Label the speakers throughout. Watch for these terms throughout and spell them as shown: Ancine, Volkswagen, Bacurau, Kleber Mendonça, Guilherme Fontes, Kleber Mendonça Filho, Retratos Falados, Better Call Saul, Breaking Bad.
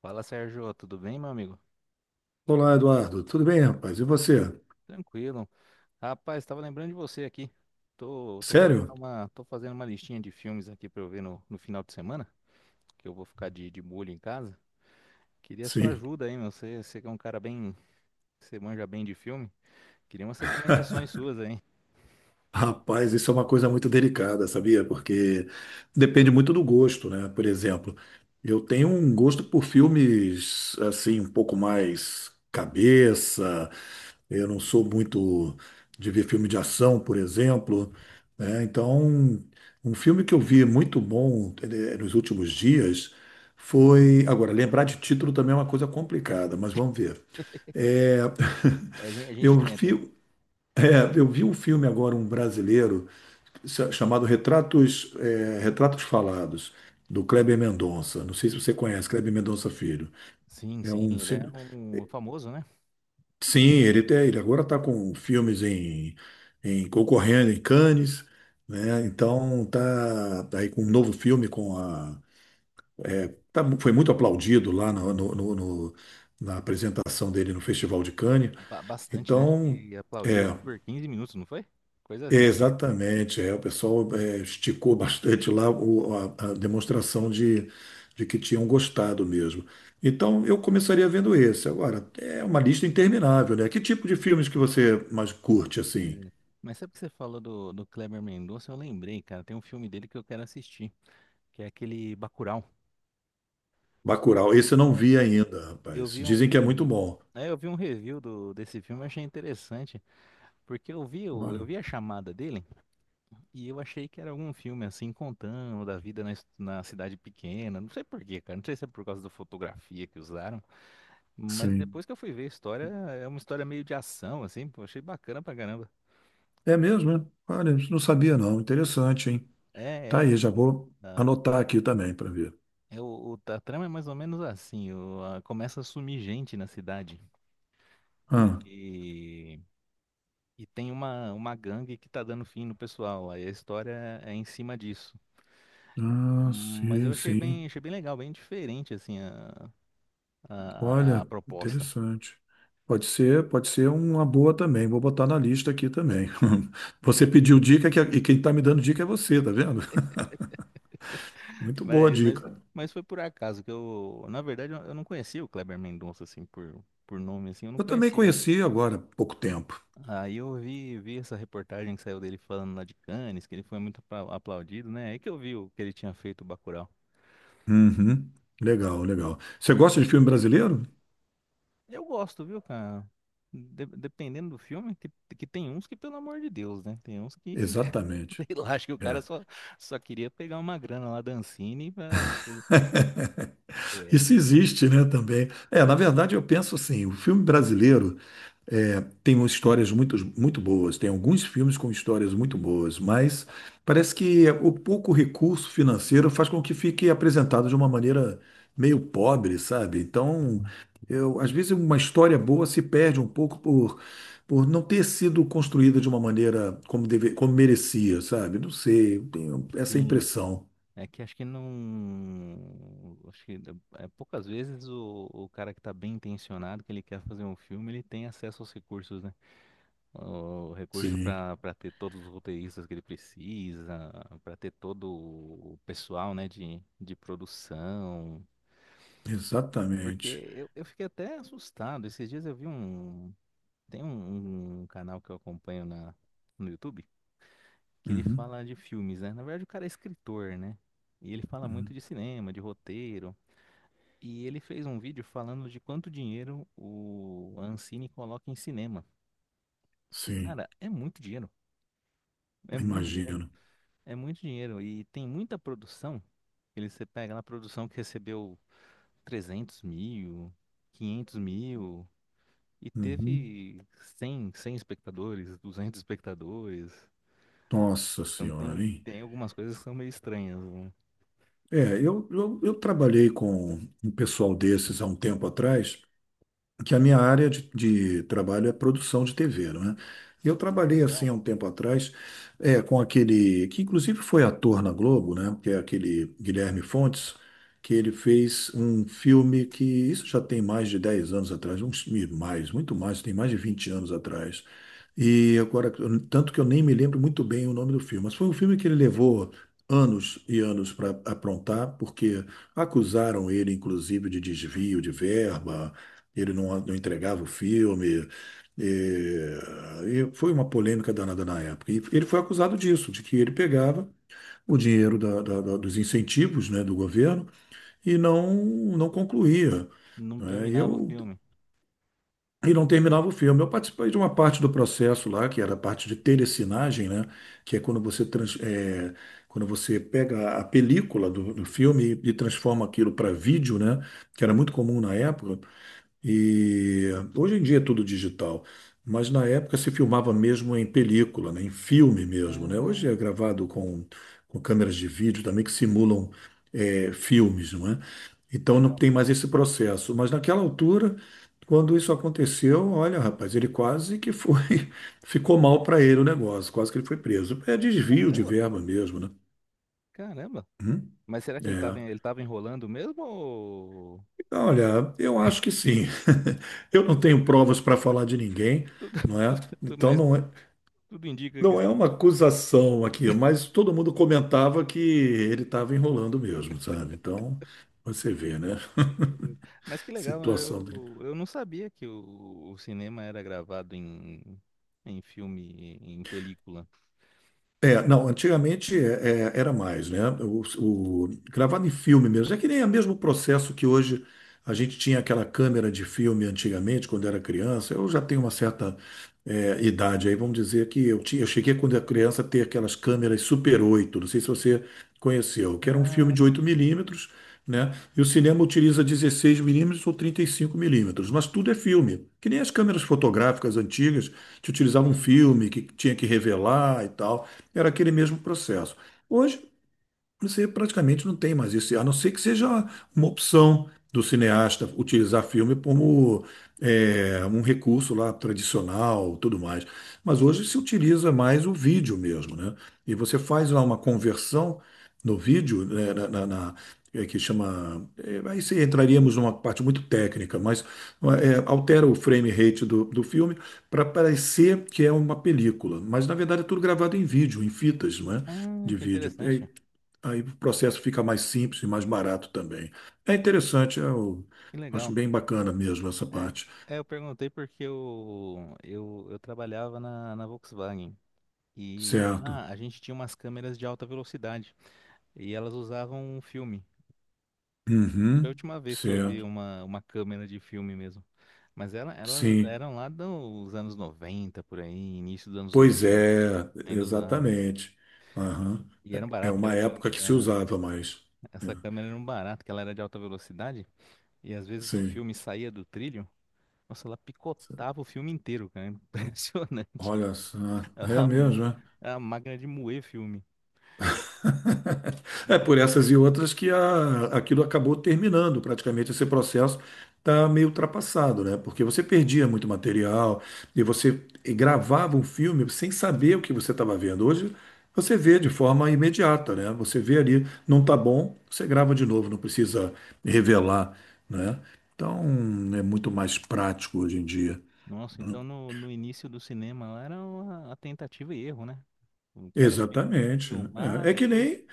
Speaker 1: Fala, Sérgio, tudo bem, meu amigo?
Speaker 2: Olá, Eduardo. Tudo bem, rapaz? E você?
Speaker 1: Tranquilo. Rapaz, estava lembrando de você aqui. Tô, tô
Speaker 2: Sério?
Speaker 1: fazendo uma, tô fazendo uma listinha de filmes aqui para eu ver no final de semana, que eu vou ficar de molho em casa. Queria sua
Speaker 2: Sim.
Speaker 1: ajuda aí, meu. Você que é um cara bem, você manja bem de filme. Queria umas recomendações suas aí.
Speaker 2: Rapaz, isso é uma coisa muito delicada, sabia? Porque depende muito do gosto, né? Por exemplo, eu tenho um gosto por filmes assim, um pouco mais cabeça. Eu não sou muito de ver filme de ação, por exemplo, né? Então, um filme que eu vi muito bom nos últimos dias foi. Agora, lembrar de título também é uma coisa complicada, mas vamos ver. É,
Speaker 1: A gente, a gente
Speaker 2: eu
Speaker 1: tenta.
Speaker 2: vi, eu vi um filme agora, um brasileiro, chamado Retratos, Retratos Falados, do Kleber Mendonça. Não sei se você conhece, Kleber Mendonça Filho.
Speaker 1: Sim,
Speaker 2: É
Speaker 1: sim,
Speaker 2: um,
Speaker 1: ele é
Speaker 2: cine-
Speaker 1: um famoso, né?
Speaker 2: sim, ele, ele agora está com filmes em, concorrendo em Cannes, né? Então tá, tá aí com um novo filme com Foi muito aplaudido lá na apresentação dele no Festival de Cannes.
Speaker 1: Bastante, né? Acho
Speaker 2: Então.
Speaker 1: que aplaudiram
Speaker 2: é
Speaker 1: ele por 15 minutos, não foi? Coisa assim.
Speaker 2: Exatamente, o pessoal esticou bastante lá a demonstração de que tinham gostado mesmo. Então eu começaria vendo esse. Agora, é uma lista interminável, né? Que tipo de filmes que você mais curte, assim?
Speaker 1: É. Mas sabe que você falou do Kleber Mendonça? Eu lembrei, cara. Tem um filme dele que eu quero assistir, que é aquele Bacurau,
Speaker 2: Bacurau, esse eu não
Speaker 1: né?
Speaker 2: vi ainda,
Speaker 1: Eu
Speaker 2: rapaz.
Speaker 1: vi
Speaker 2: Dizem que é muito
Speaker 1: um,
Speaker 2: bom.
Speaker 1: eu vi um review desse filme, eu achei interessante, porque eu vi, o- eu
Speaker 2: Olha,
Speaker 1: vi a chamada dele e eu achei que era algum filme assim contando da vida na cidade pequena, não sei por quê, cara, não sei se é por causa da fotografia que usaram, mas
Speaker 2: sim.
Speaker 1: depois que eu fui ver a história, é uma história meio de ação assim, pô, achei bacana pra caramba.
Speaker 2: É mesmo, né? Olha, isso não sabia não. Interessante, hein?
Speaker 1: É, é
Speaker 2: Tá aí,
Speaker 1: uma
Speaker 2: já vou
Speaker 1: Tá.
Speaker 2: anotar aqui também para ver.
Speaker 1: É a trama é mais ou menos assim, começa a sumir gente na cidade.
Speaker 2: Ah,
Speaker 1: E, E tem uma gangue que tá dando fim no pessoal. Aí a história é em cima disso.
Speaker 2: ah,
Speaker 1: Mas eu
Speaker 2: sim, sim.
Speaker 1: achei bem legal, bem diferente assim a
Speaker 2: Olha,
Speaker 1: proposta.
Speaker 2: interessante. Pode ser uma boa também. Vou botar na lista aqui também. Você pediu e quem está me dando dica é você, tá vendo? Muito boa a
Speaker 1: Mas, mas,
Speaker 2: dica.
Speaker 1: mas foi por acaso que eu, na verdade, eu não conhecia o Kleber Mendonça assim por, nome assim, eu não
Speaker 2: Eu também
Speaker 1: conhecia.
Speaker 2: conheci agora há pouco tempo.
Speaker 1: Aí eu vi essa reportagem que saiu dele falando lá de Cannes, que ele foi muito aplaudido, né? Aí que eu vi o que ele tinha feito o Bacurau.
Speaker 2: Uhum. Legal, legal. Você gosta de filme brasileiro?
Speaker 1: Eu gosto, viu, cara? Dependendo do filme, que tem uns que, pelo amor de Deus, né? Tem uns que,
Speaker 2: Exatamente.
Speaker 1: sei lá, acho que o cara
Speaker 2: É.
Speaker 1: só queria pegar uma grana lá da Ancine pra... É.
Speaker 2: Isso existe, né, também. É, na verdade, eu penso assim, o filme brasileiro. É, tem umas histórias muito, muito boas, tem alguns filmes com histórias muito boas, mas parece que o pouco recurso financeiro faz com que fique apresentado de uma maneira meio pobre, sabe? Então, eu, às vezes uma história boa se perde um pouco por não ter sido construída de uma maneira como, deve, como merecia, sabe? Não sei, eu tenho essa
Speaker 1: Sim,
Speaker 2: impressão.
Speaker 1: é que acho que não... Acho que poucas vezes o cara que tá bem intencionado, que ele quer fazer um filme, ele tem acesso aos recursos, né? O recurso
Speaker 2: Sim,
Speaker 1: pra ter todos os roteiristas que ele precisa, pra ter todo o pessoal, né, de produção... Porque
Speaker 2: exatamente.
Speaker 1: eu fiquei até assustado. Esses dias eu vi um. Tem um canal que eu acompanho no YouTube que ele
Speaker 2: Uhum,
Speaker 1: fala de filmes, né? Na verdade, o cara é escritor, né? E ele fala muito
Speaker 2: uhum,
Speaker 1: de cinema, de roteiro. E ele fez um vídeo falando de quanto dinheiro o a Ancine coloca em cinema. E,
Speaker 2: sim,
Speaker 1: cara, é muito dinheiro. É muito dinheiro.
Speaker 2: imagino.
Speaker 1: É muito dinheiro. E tem muita produção. Ele, você pega lá a produção que recebeu 300 mil, 500 mil. E
Speaker 2: Uhum.
Speaker 1: teve cem espectadores, 200 espectadores.
Speaker 2: Nossa
Speaker 1: Então
Speaker 2: Senhora,
Speaker 1: tem,
Speaker 2: hein?
Speaker 1: tem algumas coisas que são meio estranhas, né?
Speaker 2: É, eu trabalhei com um pessoal desses há um tempo atrás, que a minha área de trabalho é produção de TV, não é? E eu
Speaker 1: Que
Speaker 2: trabalhei assim
Speaker 1: legal.
Speaker 2: há um tempo atrás com aquele que inclusive foi ator na Globo, né? Que é aquele Guilherme Fontes, que ele fez um filme que isso já tem mais de 10 anos atrás, uns e mais, muito mais, tem mais de 20 anos atrás. E agora, tanto que eu nem me lembro muito bem o nome do filme, mas foi um filme que ele levou anos e anos para aprontar, porque acusaram ele, inclusive, de desvio de verba, ele não entregava o filme. E, e foi uma polêmica danada na época. E ele foi acusado disso, de que ele pegava o dinheiro dos incentivos, né, do governo e não, não concluía.
Speaker 1: Não
Speaker 2: Né?
Speaker 1: terminava o filme.
Speaker 2: E não terminava o filme. Eu participei de uma parte do processo lá, que era a parte de telecinagem, né, que é quando você pega a película do filme e transforma aquilo para vídeo, né, que era muito comum na época. E hoje em dia é tudo digital, mas na época se filmava mesmo em película, né, em filme mesmo, né? Hoje
Speaker 1: Ah,
Speaker 2: é gravado com câmeras de vídeo também que simulam filmes, não é? Então não
Speaker 1: legal.
Speaker 2: tem mais esse processo. Mas naquela altura, quando isso aconteceu, olha, rapaz, ele quase que foi, ficou mal para ele o negócio, quase que ele foi preso. É desvio de
Speaker 1: Caramba,
Speaker 2: verba mesmo, né?
Speaker 1: caramba.
Speaker 2: Uhum.
Speaker 1: Mas será que ele tava,
Speaker 2: É.
Speaker 1: ele tava enrolando mesmo? Ou...
Speaker 2: Olha, eu acho que sim. Eu não tenho provas para falar de ninguém,
Speaker 1: Tudo,
Speaker 2: não é? Então
Speaker 1: mas tudo indica que
Speaker 2: não é
Speaker 1: sim.
Speaker 2: uma acusação aqui, mas todo mundo comentava que ele estava enrolando mesmo, sabe? Então você vê, né?
Speaker 1: Mas que legal,
Speaker 2: Situação
Speaker 1: eu não sabia que o cinema era gravado em filme, em película.
Speaker 2: É, não, antigamente é, era mais, né? Gravado em filme mesmo. É que nem é o mesmo processo que hoje a gente tinha aquela câmera de filme antigamente, quando era criança. Eu já tenho uma certa idade aí, vamos dizer que eu tinha, eu cheguei quando era criança a ter aquelas câmeras Super 8. Não sei se você conheceu, que era um filme de
Speaker 1: Ah,
Speaker 2: 8 milímetros, né? E o cinema utiliza 16 milímetros ou 35 milímetros, mas tudo é filme. Que nem as câmeras fotográficas antigas que utilizavam um
Speaker 1: sim.
Speaker 2: filme, que tinha que revelar e tal era aquele mesmo processo. Hoje, você praticamente não tem mais isso, a não ser que seja uma opção do cineasta utilizar filme como um recurso lá tradicional, tudo mais. Mas hoje se utiliza mais o vídeo mesmo, né? E você faz lá uma conversão no vídeo, né, que chama. Aí você entraríamos numa parte muito técnica, mas altera o frame rate do filme para parecer que é uma película. Mas na verdade é tudo gravado em vídeo, em fitas, não é?
Speaker 1: Ah,
Speaker 2: De
Speaker 1: que
Speaker 2: vídeo. É,
Speaker 1: interessante.
Speaker 2: aí o processo fica mais simples e mais barato também. É interessante, eu
Speaker 1: Que
Speaker 2: acho
Speaker 1: legal.
Speaker 2: bem bacana mesmo essa
Speaker 1: É,
Speaker 2: parte.
Speaker 1: eu perguntei porque eu trabalhava na Volkswagen e
Speaker 2: Certo.
Speaker 1: lá a gente tinha umas câmeras de alta velocidade e elas usavam um filme. Foi a
Speaker 2: Uhum,
Speaker 1: última vez que eu vi
Speaker 2: certo.
Speaker 1: uma câmera de filme mesmo. Mas elas
Speaker 2: Sim.
Speaker 1: eram lá dos anos 90 por aí, início dos anos dois
Speaker 2: Pois
Speaker 1: mil
Speaker 2: é,
Speaker 1: ainda usava.
Speaker 2: exatamente. Aham.
Speaker 1: E era um
Speaker 2: É
Speaker 1: barato, que era
Speaker 2: uma
Speaker 1: a
Speaker 2: época que se
Speaker 1: câmera.
Speaker 2: usava mais. É,
Speaker 1: Essa câmera era um barato, que ela era de alta velocidade e às vezes o
Speaker 2: sim.
Speaker 1: filme saía do trilho. Nossa, ela picotava o filme inteiro, cara. Impressionante.
Speaker 2: Olha só. É
Speaker 1: Ela,
Speaker 2: mesmo, é?
Speaker 1: é a máquina de moer filme.
Speaker 2: É por essas e outras que aquilo acabou terminando, praticamente esse processo está meio ultrapassado, né? Porque você perdia muito material e você gravava um filme sem saber o que você estava vendo. Hoje você vê de forma imediata, né? Você vê ali, não tá bom, você grava de novo, não precisa revelar, né? Então é muito mais prático hoje em dia.
Speaker 1: Nossa, então no início do cinema lá era a tentativa e erro, né? O cara tinha que
Speaker 2: Exatamente.
Speaker 1: filmar,
Speaker 2: É, é que
Speaker 1: depois.
Speaker 2: nem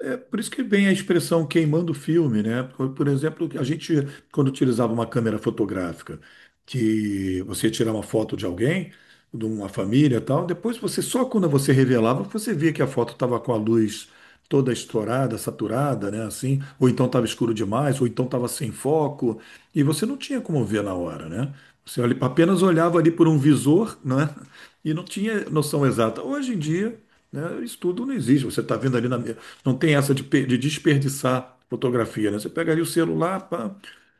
Speaker 2: É por isso que vem a expressão queimando o filme, né? Por exemplo, a gente, quando utilizava uma câmera fotográfica, que você ia tirar uma foto de alguém, de uma família e tal, depois você, só quando você revelava, você via que a foto estava com a luz toda estourada, saturada, né? Assim, ou então estava escuro demais, ou então estava sem foco, e você não tinha como ver na hora, né? Você apenas olhava ali por um visor, né? E não tinha noção exata. Hoje em dia né? Estudo não existe. Você está vendo ali não tem essa de, de desperdiçar fotografia, né? Você pega ali o celular, pá,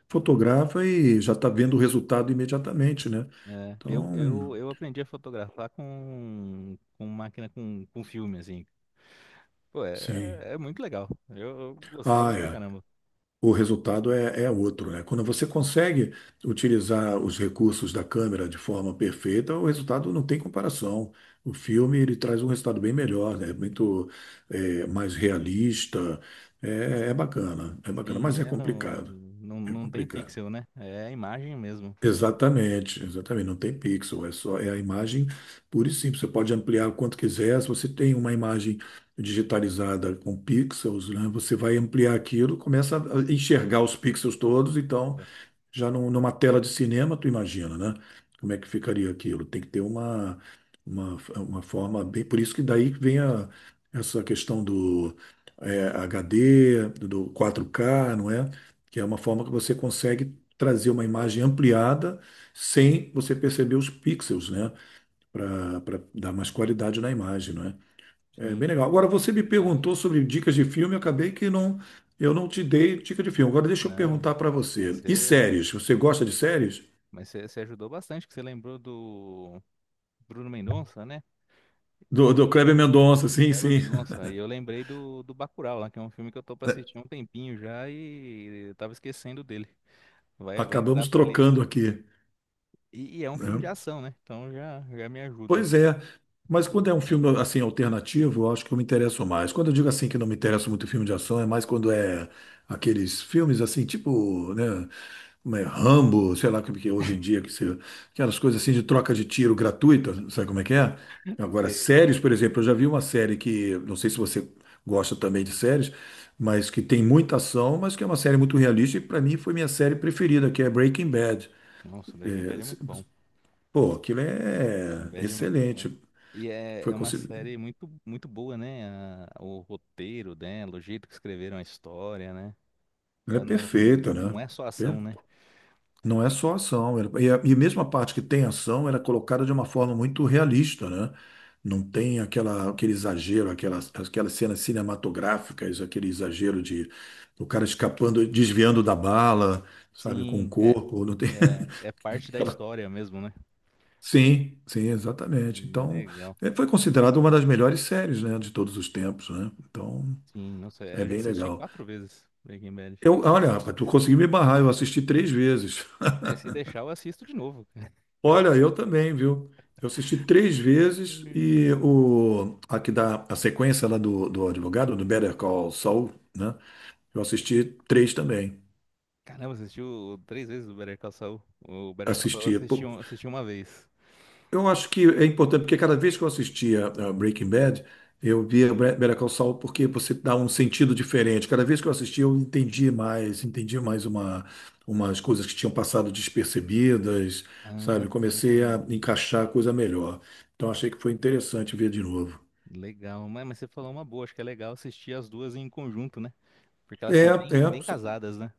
Speaker 2: fotografa e já está vendo o resultado imediatamente, né?
Speaker 1: É, eu,
Speaker 2: Então,
Speaker 1: eu, eu aprendi a fotografar com máquina com filme, assim. Pô,
Speaker 2: sim.
Speaker 1: é muito legal. Eu
Speaker 2: Ah,
Speaker 1: gostava pra
Speaker 2: é.
Speaker 1: caramba.
Speaker 2: O resultado é outro, né? Quando você consegue utilizar os recursos da câmera de forma perfeita, o resultado não tem comparação. O filme ele traz um resultado bem melhor, né? Muito mais realista. É bacana, é bacana, mas é
Speaker 1: Sim, é no,
Speaker 2: complicado.
Speaker 1: não,
Speaker 2: É
Speaker 1: não tem
Speaker 2: complicado.
Speaker 1: pixel, né? É a imagem mesmo.
Speaker 2: Exatamente, exatamente. Não tem pixel, é só é a imagem pura e simples. Você pode ampliar o quanto quiser. Se você tem uma imagem digitalizada com pixels, né, você vai ampliar aquilo, começa a enxergar os pixels todos, então
Speaker 1: É,
Speaker 2: já numa tela de cinema, tu imagina, né? Como é que ficaria aquilo? Tem que ter uma forma bem. Por isso que daí vem essa questão do HD, do 4K, não é? Que é uma forma que você consegue trazer uma imagem ampliada sem você perceber os pixels, né? Para dar mais qualidade na imagem, é
Speaker 1: sim,
Speaker 2: bem legal. Agora você me
Speaker 1: interessante.
Speaker 2: perguntou sobre dicas de filme, eu acabei que não, eu não te dei dica de filme. Agora deixa eu
Speaker 1: Não,
Speaker 2: perguntar para
Speaker 1: mas
Speaker 2: você. E
Speaker 1: você,
Speaker 2: séries? Você gosta de séries?
Speaker 1: mas você ajudou bastante, que você lembrou Bruno Mendonça, né? E
Speaker 2: Do Kleber Mendonça, sim,
Speaker 1: Kleber
Speaker 2: sim.
Speaker 1: Mendonça. E eu lembrei do Bacurau, lá, que é um filme que eu tô pra assistir há um tempinho já e eu tava esquecendo dele. Vai entrar
Speaker 2: Acabamos
Speaker 1: pra lista.
Speaker 2: trocando aqui,
Speaker 1: E é um filme
Speaker 2: né?
Speaker 1: de ação, né? Então já me ajuda.
Speaker 2: Pois é, mas quando é um filme assim alternativo, eu acho que eu me interesso mais. Quando eu digo assim que não me interessa muito filme de ação, é mais quando é aqueles filmes assim, tipo, né, como é, Rambo, sei lá como que é hoje em dia que se, aquelas coisas assim de troca de tiro gratuita, sabe como é que é? Agora,
Speaker 1: Você...
Speaker 2: séries, por exemplo, eu já vi uma série que, não sei se você gosta também de séries, mas que tem muita ação, mas que é uma série muito realista e para mim foi minha série preferida, que é Breaking Bad.
Speaker 1: Nossa, Breaking Bad é muito bom.
Speaker 2: Pô, aquilo
Speaker 1: Breaking
Speaker 2: é
Speaker 1: Bad é muito bom.
Speaker 2: excelente.
Speaker 1: E é,
Speaker 2: Foi
Speaker 1: é uma
Speaker 2: consi-
Speaker 1: série muito, muito boa, né? O roteiro dela, o jeito que escreveram a história, né?
Speaker 2: Ela é
Speaker 1: Ela não,
Speaker 2: perfeita,
Speaker 1: não
Speaker 2: né?
Speaker 1: é só
Speaker 2: Per-
Speaker 1: ação, né?
Speaker 2: Não é só ação. E mesmo a parte que tem ação, ela é colocada de uma forma muito realista, né? Não tem aquela, aquele exagero, aquelas, aquelas cenas cinematográficas, aquele exagero de o cara escapando, desviando da bala, sabe, com o
Speaker 1: Sim, é,
Speaker 2: corpo. Não tem
Speaker 1: é, é parte da
Speaker 2: aquela...
Speaker 1: história mesmo, né?
Speaker 2: Sim, sim, exatamente. Então,
Speaker 1: Legal.
Speaker 2: é, foi considerada uma das melhores séries, né, de todos os tempos, né? Então,
Speaker 1: Sim, nossa,
Speaker 2: é
Speaker 1: eu já
Speaker 2: bem
Speaker 1: assisti
Speaker 2: legal.
Speaker 1: 4 vezes Breaking Bad.
Speaker 2: Eu, olha, rapaz, tu
Speaker 1: Se,
Speaker 2: conseguiu me barrar, eu assisti três vezes.
Speaker 1: né, se deixar, eu assisto de novo, cara.
Speaker 2: Olha, eu também, viu? Eu assisti três vezes
Speaker 1: Hum.
Speaker 2: e o aqui da a sequência lá do advogado do Better Call Saul, né? Eu assisti três também.
Speaker 1: Caramba, assistiu 3 vezes o Better Call Saul. O Better Call Saul eu
Speaker 2: Assisti.
Speaker 1: assisti,
Speaker 2: Pô,
Speaker 1: um- assisti uma vez.
Speaker 2: eu acho que é importante porque cada vez que eu assistia a Breaking Bad, eu via Better Call Saul porque você dá um sentido diferente. Cada vez que eu assistia, eu entendi mais uma umas coisas que tinham passado despercebidas,
Speaker 1: Ah,
Speaker 2: sabe? Comecei a encaixar coisa melhor. Então achei que foi interessante ver de novo.
Speaker 1: legal. Mas você falou uma boa, acho que é legal assistir as duas em conjunto, né? Porque elas
Speaker 2: É,
Speaker 1: são bem,
Speaker 2: é,
Speaker 1: bem
Speaker 2: so-
Speaker 1: casadas, né?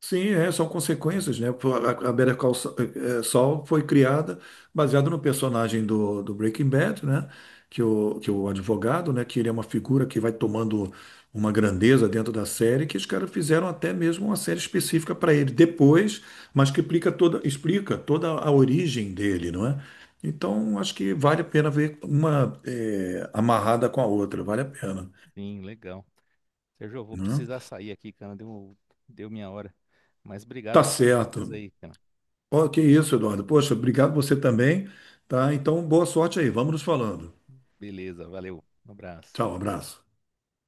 Speaker 2: sim, são consequências, né? Pô, a Better Call Saul foi criada baseada no personagem do, do Breaking Bad, né? Que o advogado, né? Que ele é uma figura que vai tomando uma grandeza dentro da série, que os caras fizeram até mesmo uma série específica para ele depois, mas que explica toda a origem dele, não é? Então, acho que vale a pena ver uma amarrada com a outra, vale a pena,
Speaker 1: Sim, legal. Sérgio, eu vou
Speaker 2: né?
Speaker 1: precisar sair aqui, cara. Deu minha hora. Mas obrigado
Speaker 2: Tá
Speaker 1: pelas
Speaker 2: certo.
Speaker 1: dicas aí, cara.
Speaker 2: Oh, que isso, Eduardo. Poxa, obrigado você também, tá? Então, boa sorte aí. Vamos nos falando.
Speaker 1: Beleza, valeu. Um abraço.
Speaker 2: Tchau, abraço.